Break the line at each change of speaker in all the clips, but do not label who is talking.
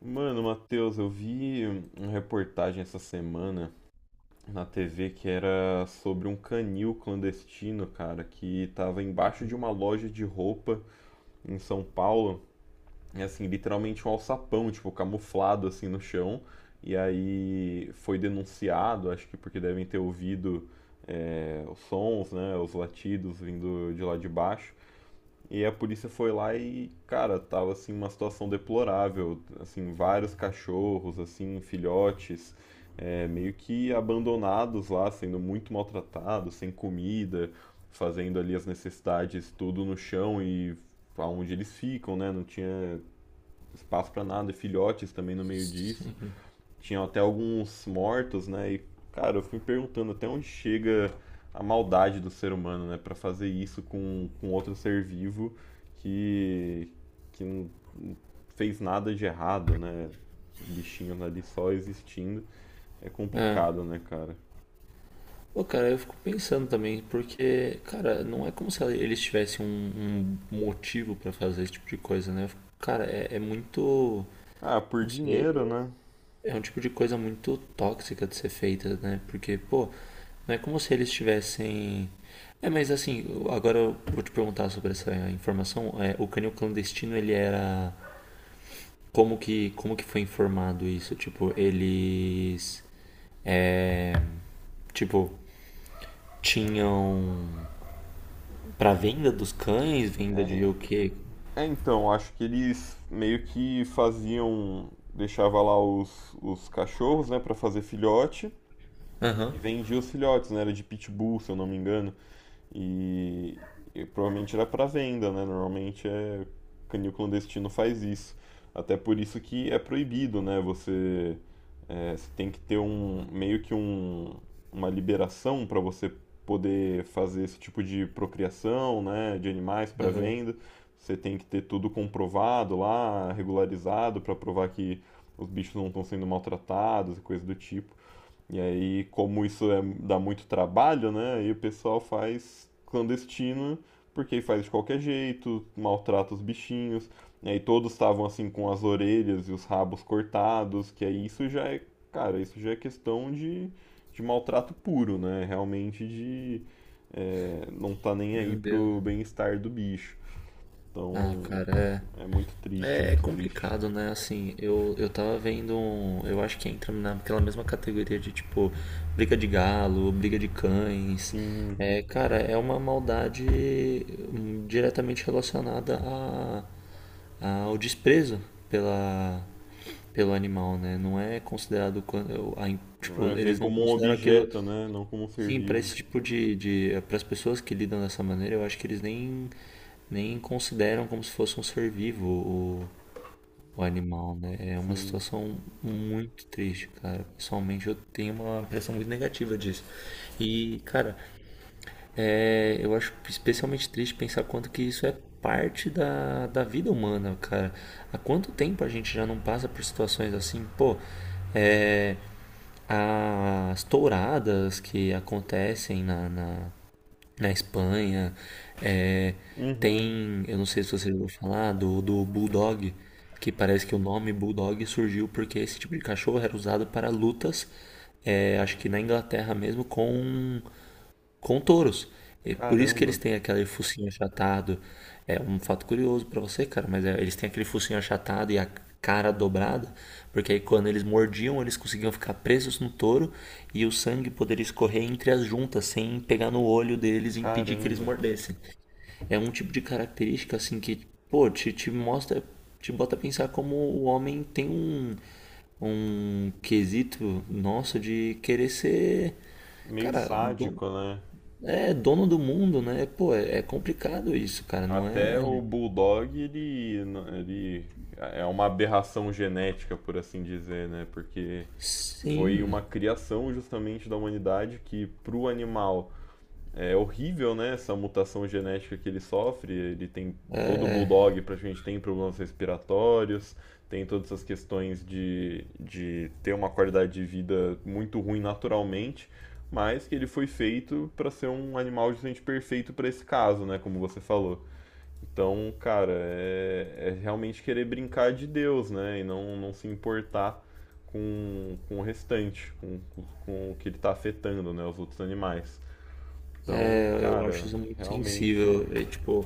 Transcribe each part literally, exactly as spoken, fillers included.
Mano, Matheus, eu vi uma reportagem essa semana na T V que era sobre um canil clandestino, cara, que tava embaixo de uma loja de roupa em São Paulo, e assim, literalmente um alçapão, tipo, camuflado assim no chão, e aí foi denunciado, acho que porque devem ter ouvido é, os sons, né, os latidos vindo de lá de baixo. E a polícia foi lá e, cara, tava assim uma situação deplorável, assim, vários cachorros, assim, filhotes, é, meio que abandonados lá, sendo muito maltratados, sem comida, fazendo ali as necessidades tudo no chão e aonde eles ficam, né? Não tinha espaço pra nada, e filhotes também no meio disso
Sempre.
tinha até alguns mortos, né? E, cara, eu fui perguntando até onde chega a maldade do ser humano, né? Pra fazer isso com, com outro ser vivo que, que não fez nada de errado, né? Bichinhos ali só existindo. É
É.
complicado, né, cara?
Pô, cara, eu fico pensando também, porque, cara, não é como se eles tivessem um, um motivo pra fazer esse tipo de coisa, né? Eu fico- Cara, é, é muito.
Ah, por
Não sei.
dinheiro, né?
É um tipo de coisa muito tóxica de ser feita, né? Porque, pô, não é como se eles tivessem. É, mas assim, eu- agora eu vou te perguntar sobre essa informação. É, o canil clandestino, ele era. Como que, como que foi informado isso? Tipo, eles. É, tipo, tinham pra venda dos cães, venda de
É,
o quê?
é, então, acho que eles meio que faziam. Deixava lá os, os cachorros, né, pra fazer filhote.
Aham,
E vendia os filhotes, né? Era de pitbull, se eu não me engano. E, e provavelmente era para venda, né? Normalmente é canil clandestino faz isso. Até por isso que é proibido, né? Você, é, você tem que ter um meio que um, uma liberação para você poder fazer esse tipo de procriação, né, de animais para
aham.
venda. Você tem que ter tudo comprovado lá, regularizado para provar que os bichos não estão sendo maltratados e coisa do tipo. E aí, como isso é- dá muito trabalho, né? Aí o pessoal faz clandestino, porque faz de qualquer jeito, maltrata os bichinhos. E aí todos estavam assim com as orelhas e os rabos cortados, que aí isso já é, cara, isso já é questão de, de maltrato puro, né? Realmente de é, não tá nem aí
Meu Deus.
pro bem-estar do bicho.
Ah,
Então,
cara,
é muito triste, é
é, é é
muito triste.
complicado, né? Assim, eu, eu tava vendo um, eu acho que entra naquela mesma categoria de tipo briga de galo, briga de cães.
Sim,
É, cara, é uma maldade hum, diretamente relacionada a, ao desprezo pela pelo animal, né? Não é considerado quando eu- a- tipo,
é ver
eles não
como um
consideram aquilo.
objeto, né? Não como um ser
Sim, para
vivo.
esse tipo de, de para as pessoas que lidam dessa maneira, eu acho que eles nem nem consideram como se fosse um ser vivo o, o animal, né? É uma
Sim.
situação muito triste, cara. Pessoalmente, eu tenho uma impressão muito negativa disso. E, cara, é, eu acho especialmente triste pensar quanto que isso é parte da, da vida humana, cara. Há quanto tempo a gente já não passa por situações assim, pô? É, as touradas que acontecem na, na- na Espanha. É,
Uhum.
tem, eu não sei se você já ouviu falar, do, do Bulldog, que parece que o nome Bulldog surgiu porque esse tipo de cachorro era usado para lutas, é, acho que na Inglaterra mesmo, com com touros. É por isso que
Caramba,
eles têm aquele focinho achatado. É um fato curioso pra você, cara, mas é, eles têm aquele focinho achatado e a cara dobrada, porque aí quando eles mordiam, eles conseguiam ficar presos no touro e o sangue poderia escorrer entre as juntas sem pegar no olho deles e impedir que eles
caramba.
mordessem. É um tipo de característica assim que, pô, te, te mostra, te bota a pensar como o homem tem um, um quesito nosso de querer ser,
Meio
cara, dono,
sádico, né?
é, dono do mundo, né? Pô, é é complicado isso, cara, não
Até
é?
o Bulldog, ele, ele é uma aberração genética, por assim dizer, né? Porque foi
Sim,
uma criação justamente da humanidade que, para o animal, é horrível, né? Essa mutação genética que ele sofre. Ele tem todo o bulldog praticamente tem problemas respiratórios, tem todas essas questões de, de ter uma qualidade de vida muito ruim naturalmente, mas que ele foi feito para ser um animal justamente perfeito para esse caso, né? Como você falou. Então, cara, é, é realmente querer brincar de Deus, né? E não, não se importar com, com o restante, com, com o que ele está afetando, né? Os outros animais. Então,
é, eu acho
cara,
isso muito
realmente,
sensível. É tipo,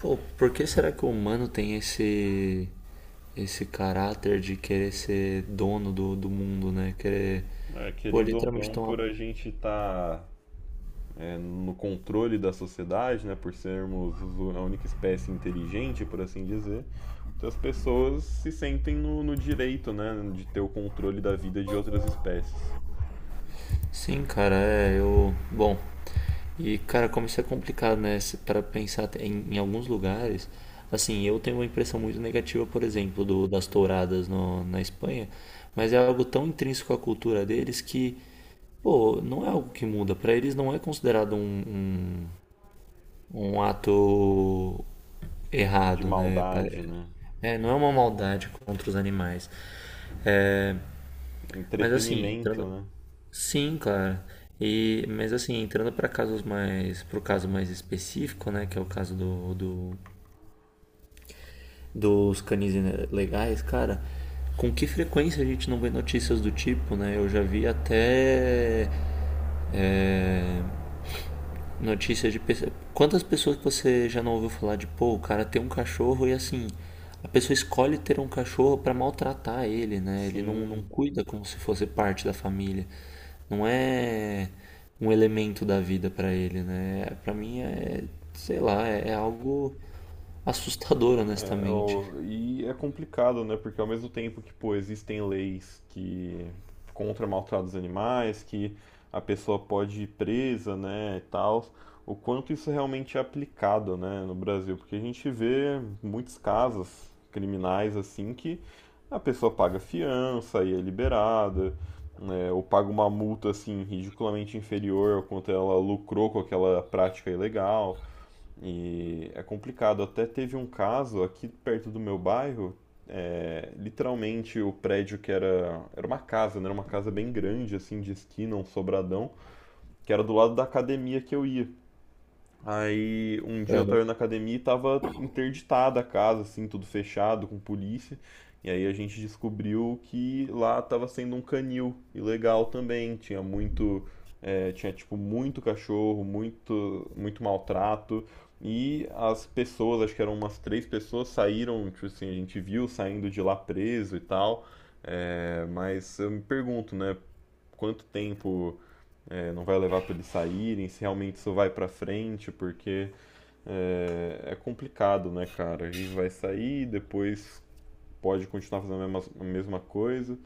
pô, por que será que o humano tem esse esse caráter de querer ser dono do, do mundo, né? Querer,
é,
pô,
querendo ou
literalmente
não,
tomar.
por a gente estar no controle da sociedade, né, por sermos os- a única espécie inteligente, por assim dizer, então as pessoas se sentem no, no direito, né, de ter o controle da vida de outras espécies,
Sim, cara, é, eu. Bom, e cara, como isso é complicado, né? Se- Pra pensar te- em, em alguns lugares, assim, eu tenho uma impressão muito negativa, por exemplo, do, das touradas no, na Espanha, mas é algo tão intrínseco à cultura deles que, pô, não é algo que muda. Pra eles não é considerado um, um, um ato
de
errado, né? Pa-
maldade, né,
É, não é uma maldade contra os animais. Mas assim,
entretenimento,
entrando.
né,
Sim, claro. E, mas assim, entrando para casos mais, pro caso mais específico, né, que é o caso do, do- dos canis legais, cara, com que frequência a gente não vê notícias do tipo, né? Eu já vi até é, notícias de pessoa. Quantas pessoas que você já não ouviu falar de, pô, o cara tem um cachorro e assim, a pessoa escolhe ter um cachorro pra maltratar ele, né? Ele não, não
sim,
cuida como se fosse parte da família. Não é um elemento da vida pra ele, né? Pra mim é, sei lá, é, é algo assustador,
é,
honestamente.
o- e é complicado, né? Porque ao mesmo tempo que, pô, existem leis que contra maltratos animais, que a pessoa pode ir presa, né, e tal, o quanto isso realmente é aplicado, né, no Brasil, porque a gente vê muitos casos criminais assim que a pessoa paga fiança e é liberada, né, ou paga uma multa assim ridiculamente inferior ao quanto ela lucrou com aquela prática ilegal. E é complicado. Até teve um caso aqui perto do meu bairro, é, literalmente o prédio que era, era uma casa, né? Era uma casa bem grande, assim, de esquina, um sobradão, que era do lado da academia que eu ia. Aí um dia eu tava na academia e tava interditada a casa, assim, tudo fechado, com polícia. E aí a gente descobriu que lá tava sendo um canil ilegal também. Tinha muito, é, tinha tipo muito cachorro, muito, muito maltrato. E as pessoas, acho que eram umas três pessoas, saíram, tipo assim, a gente viu saindo de lá preso e tal. É, mas eu me pergunto, né, quanto tempo é, não vai levar para eles saírem, se realmente isso vai para frente, porque é, é complicado, né, cara? E vai sair, depois pode continuar fazendo a mesma, a mesma coisa.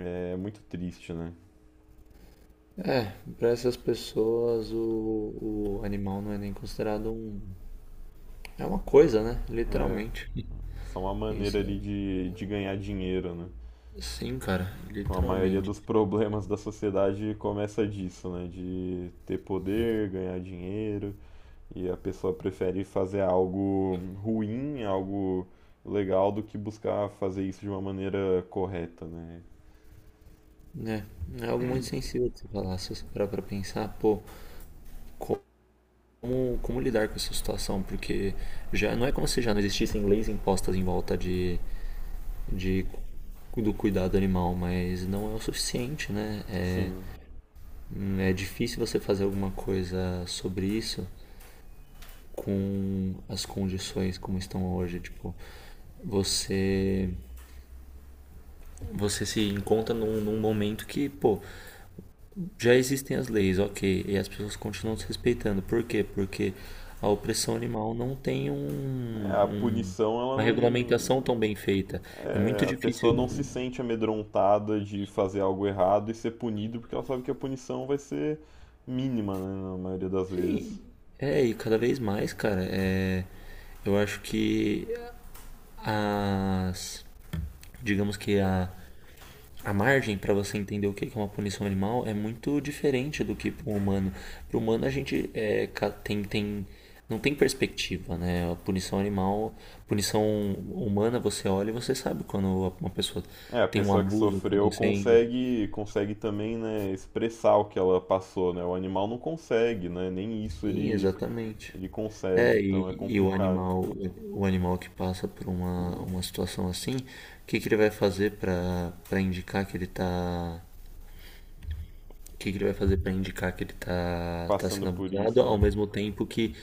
É muito triste, né?
É, pra essas pessoas o, o animal não é nem considerado um. É uma coisa, né?
É
Literalmente.
só uma maneira
Isso, né?
ali de, de ganhar dinheiro, né?
Sim, cara,
Com a maioria
literalmente.
dos problemas da sociedade começa disso, né? De ter poder, ganhar dinheiro, e a pessoa prefere fazer algo ruim, algo legal do que buscar fazer isso de uma maneira correta, né?
Né, é algo muito sensível de se falar, se você parar pra pensar, pô, como, como lidar com essa situação? Porque já não é como se já não existissem leis impostas em volta de, de, do cuidado animal, mas não é o suficiente, né? É,
Sim.
é difícil você fazer alguma coisa sobre isso com as condições como estão hoje, tipo, você você se encontra num, num momento que, pô, já existem as leis, ok, e as pessoas continuam se respeitando. Por quê? Porque a opressão animal não tem
É,
um,
a
um-
punição, ela
uma regulamentação
não.
tão bem feita. É muito
É, a pessoa
difícil.
não se sente amedrontada de fazer algo errado e ser punido, porque ela sabe que a punição vai ser mínima, né, na maioria das
Sim,
vezes.
é, e cada vez mais, cara, é, eu acho que as, digamos que a a margem para você entender o que é uma punição animal é muito diferente do que para o humano. Para o humano a gente é, tem, tem, não tem perspectiva, né? A punição animal, punição humana você olha e você sabe quando uma pessoa
É, a
tem um
pessoa que
abuso
sofreu
acontecendo.
consegue, consegue também, né, expressar o que ela passou, né? O animal não consegue, né? Nem isso
Sim,
ele,
exatamente.
ele consegue,
É,
então é
e, e o
complicado.
animal, o animal que passa por uma, uma situação assim, o que que ele vai fazer para para indicar que ele está. O que que ele vai fazer para indicar que ele tá, tá
Passando
sendo
por
abusado,
isso,
ao
né?
mesmo tempo que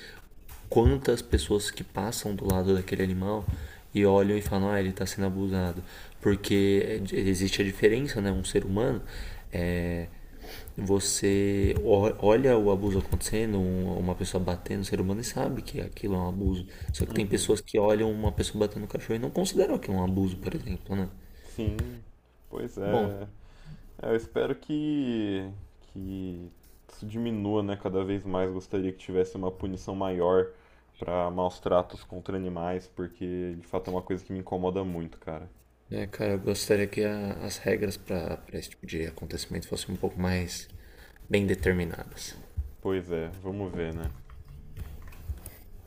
quantas pessoas que passam do lado daquele animal e olham e falam, ah, ele tá sendo abusado. Porque é, existe a diferença, né? Um ser humano, é, você o- olha o abuso acontecendo, um- uma pessoa batendo no ser humano e sabe que aquilo é um abuso. Só que tem
Uhum.
pessoas que olham uma pessoa batendo no cachorro e não consideram aquilo um abuso, por exemplo, né?
Sim, pois
Bom,
é. É, eu espero que, que isso diminua, né? Cada vez mais gostaria que tivesse uma punição maior para maus tratos contra animais, porque de fato é uma coisa que me incomoda muito, cara.
é, cara, eu gostaria que a- as regras para esse tipo de acontecimento fossem um pouco mais bem determinadas.
Pois é, vamos ver, né?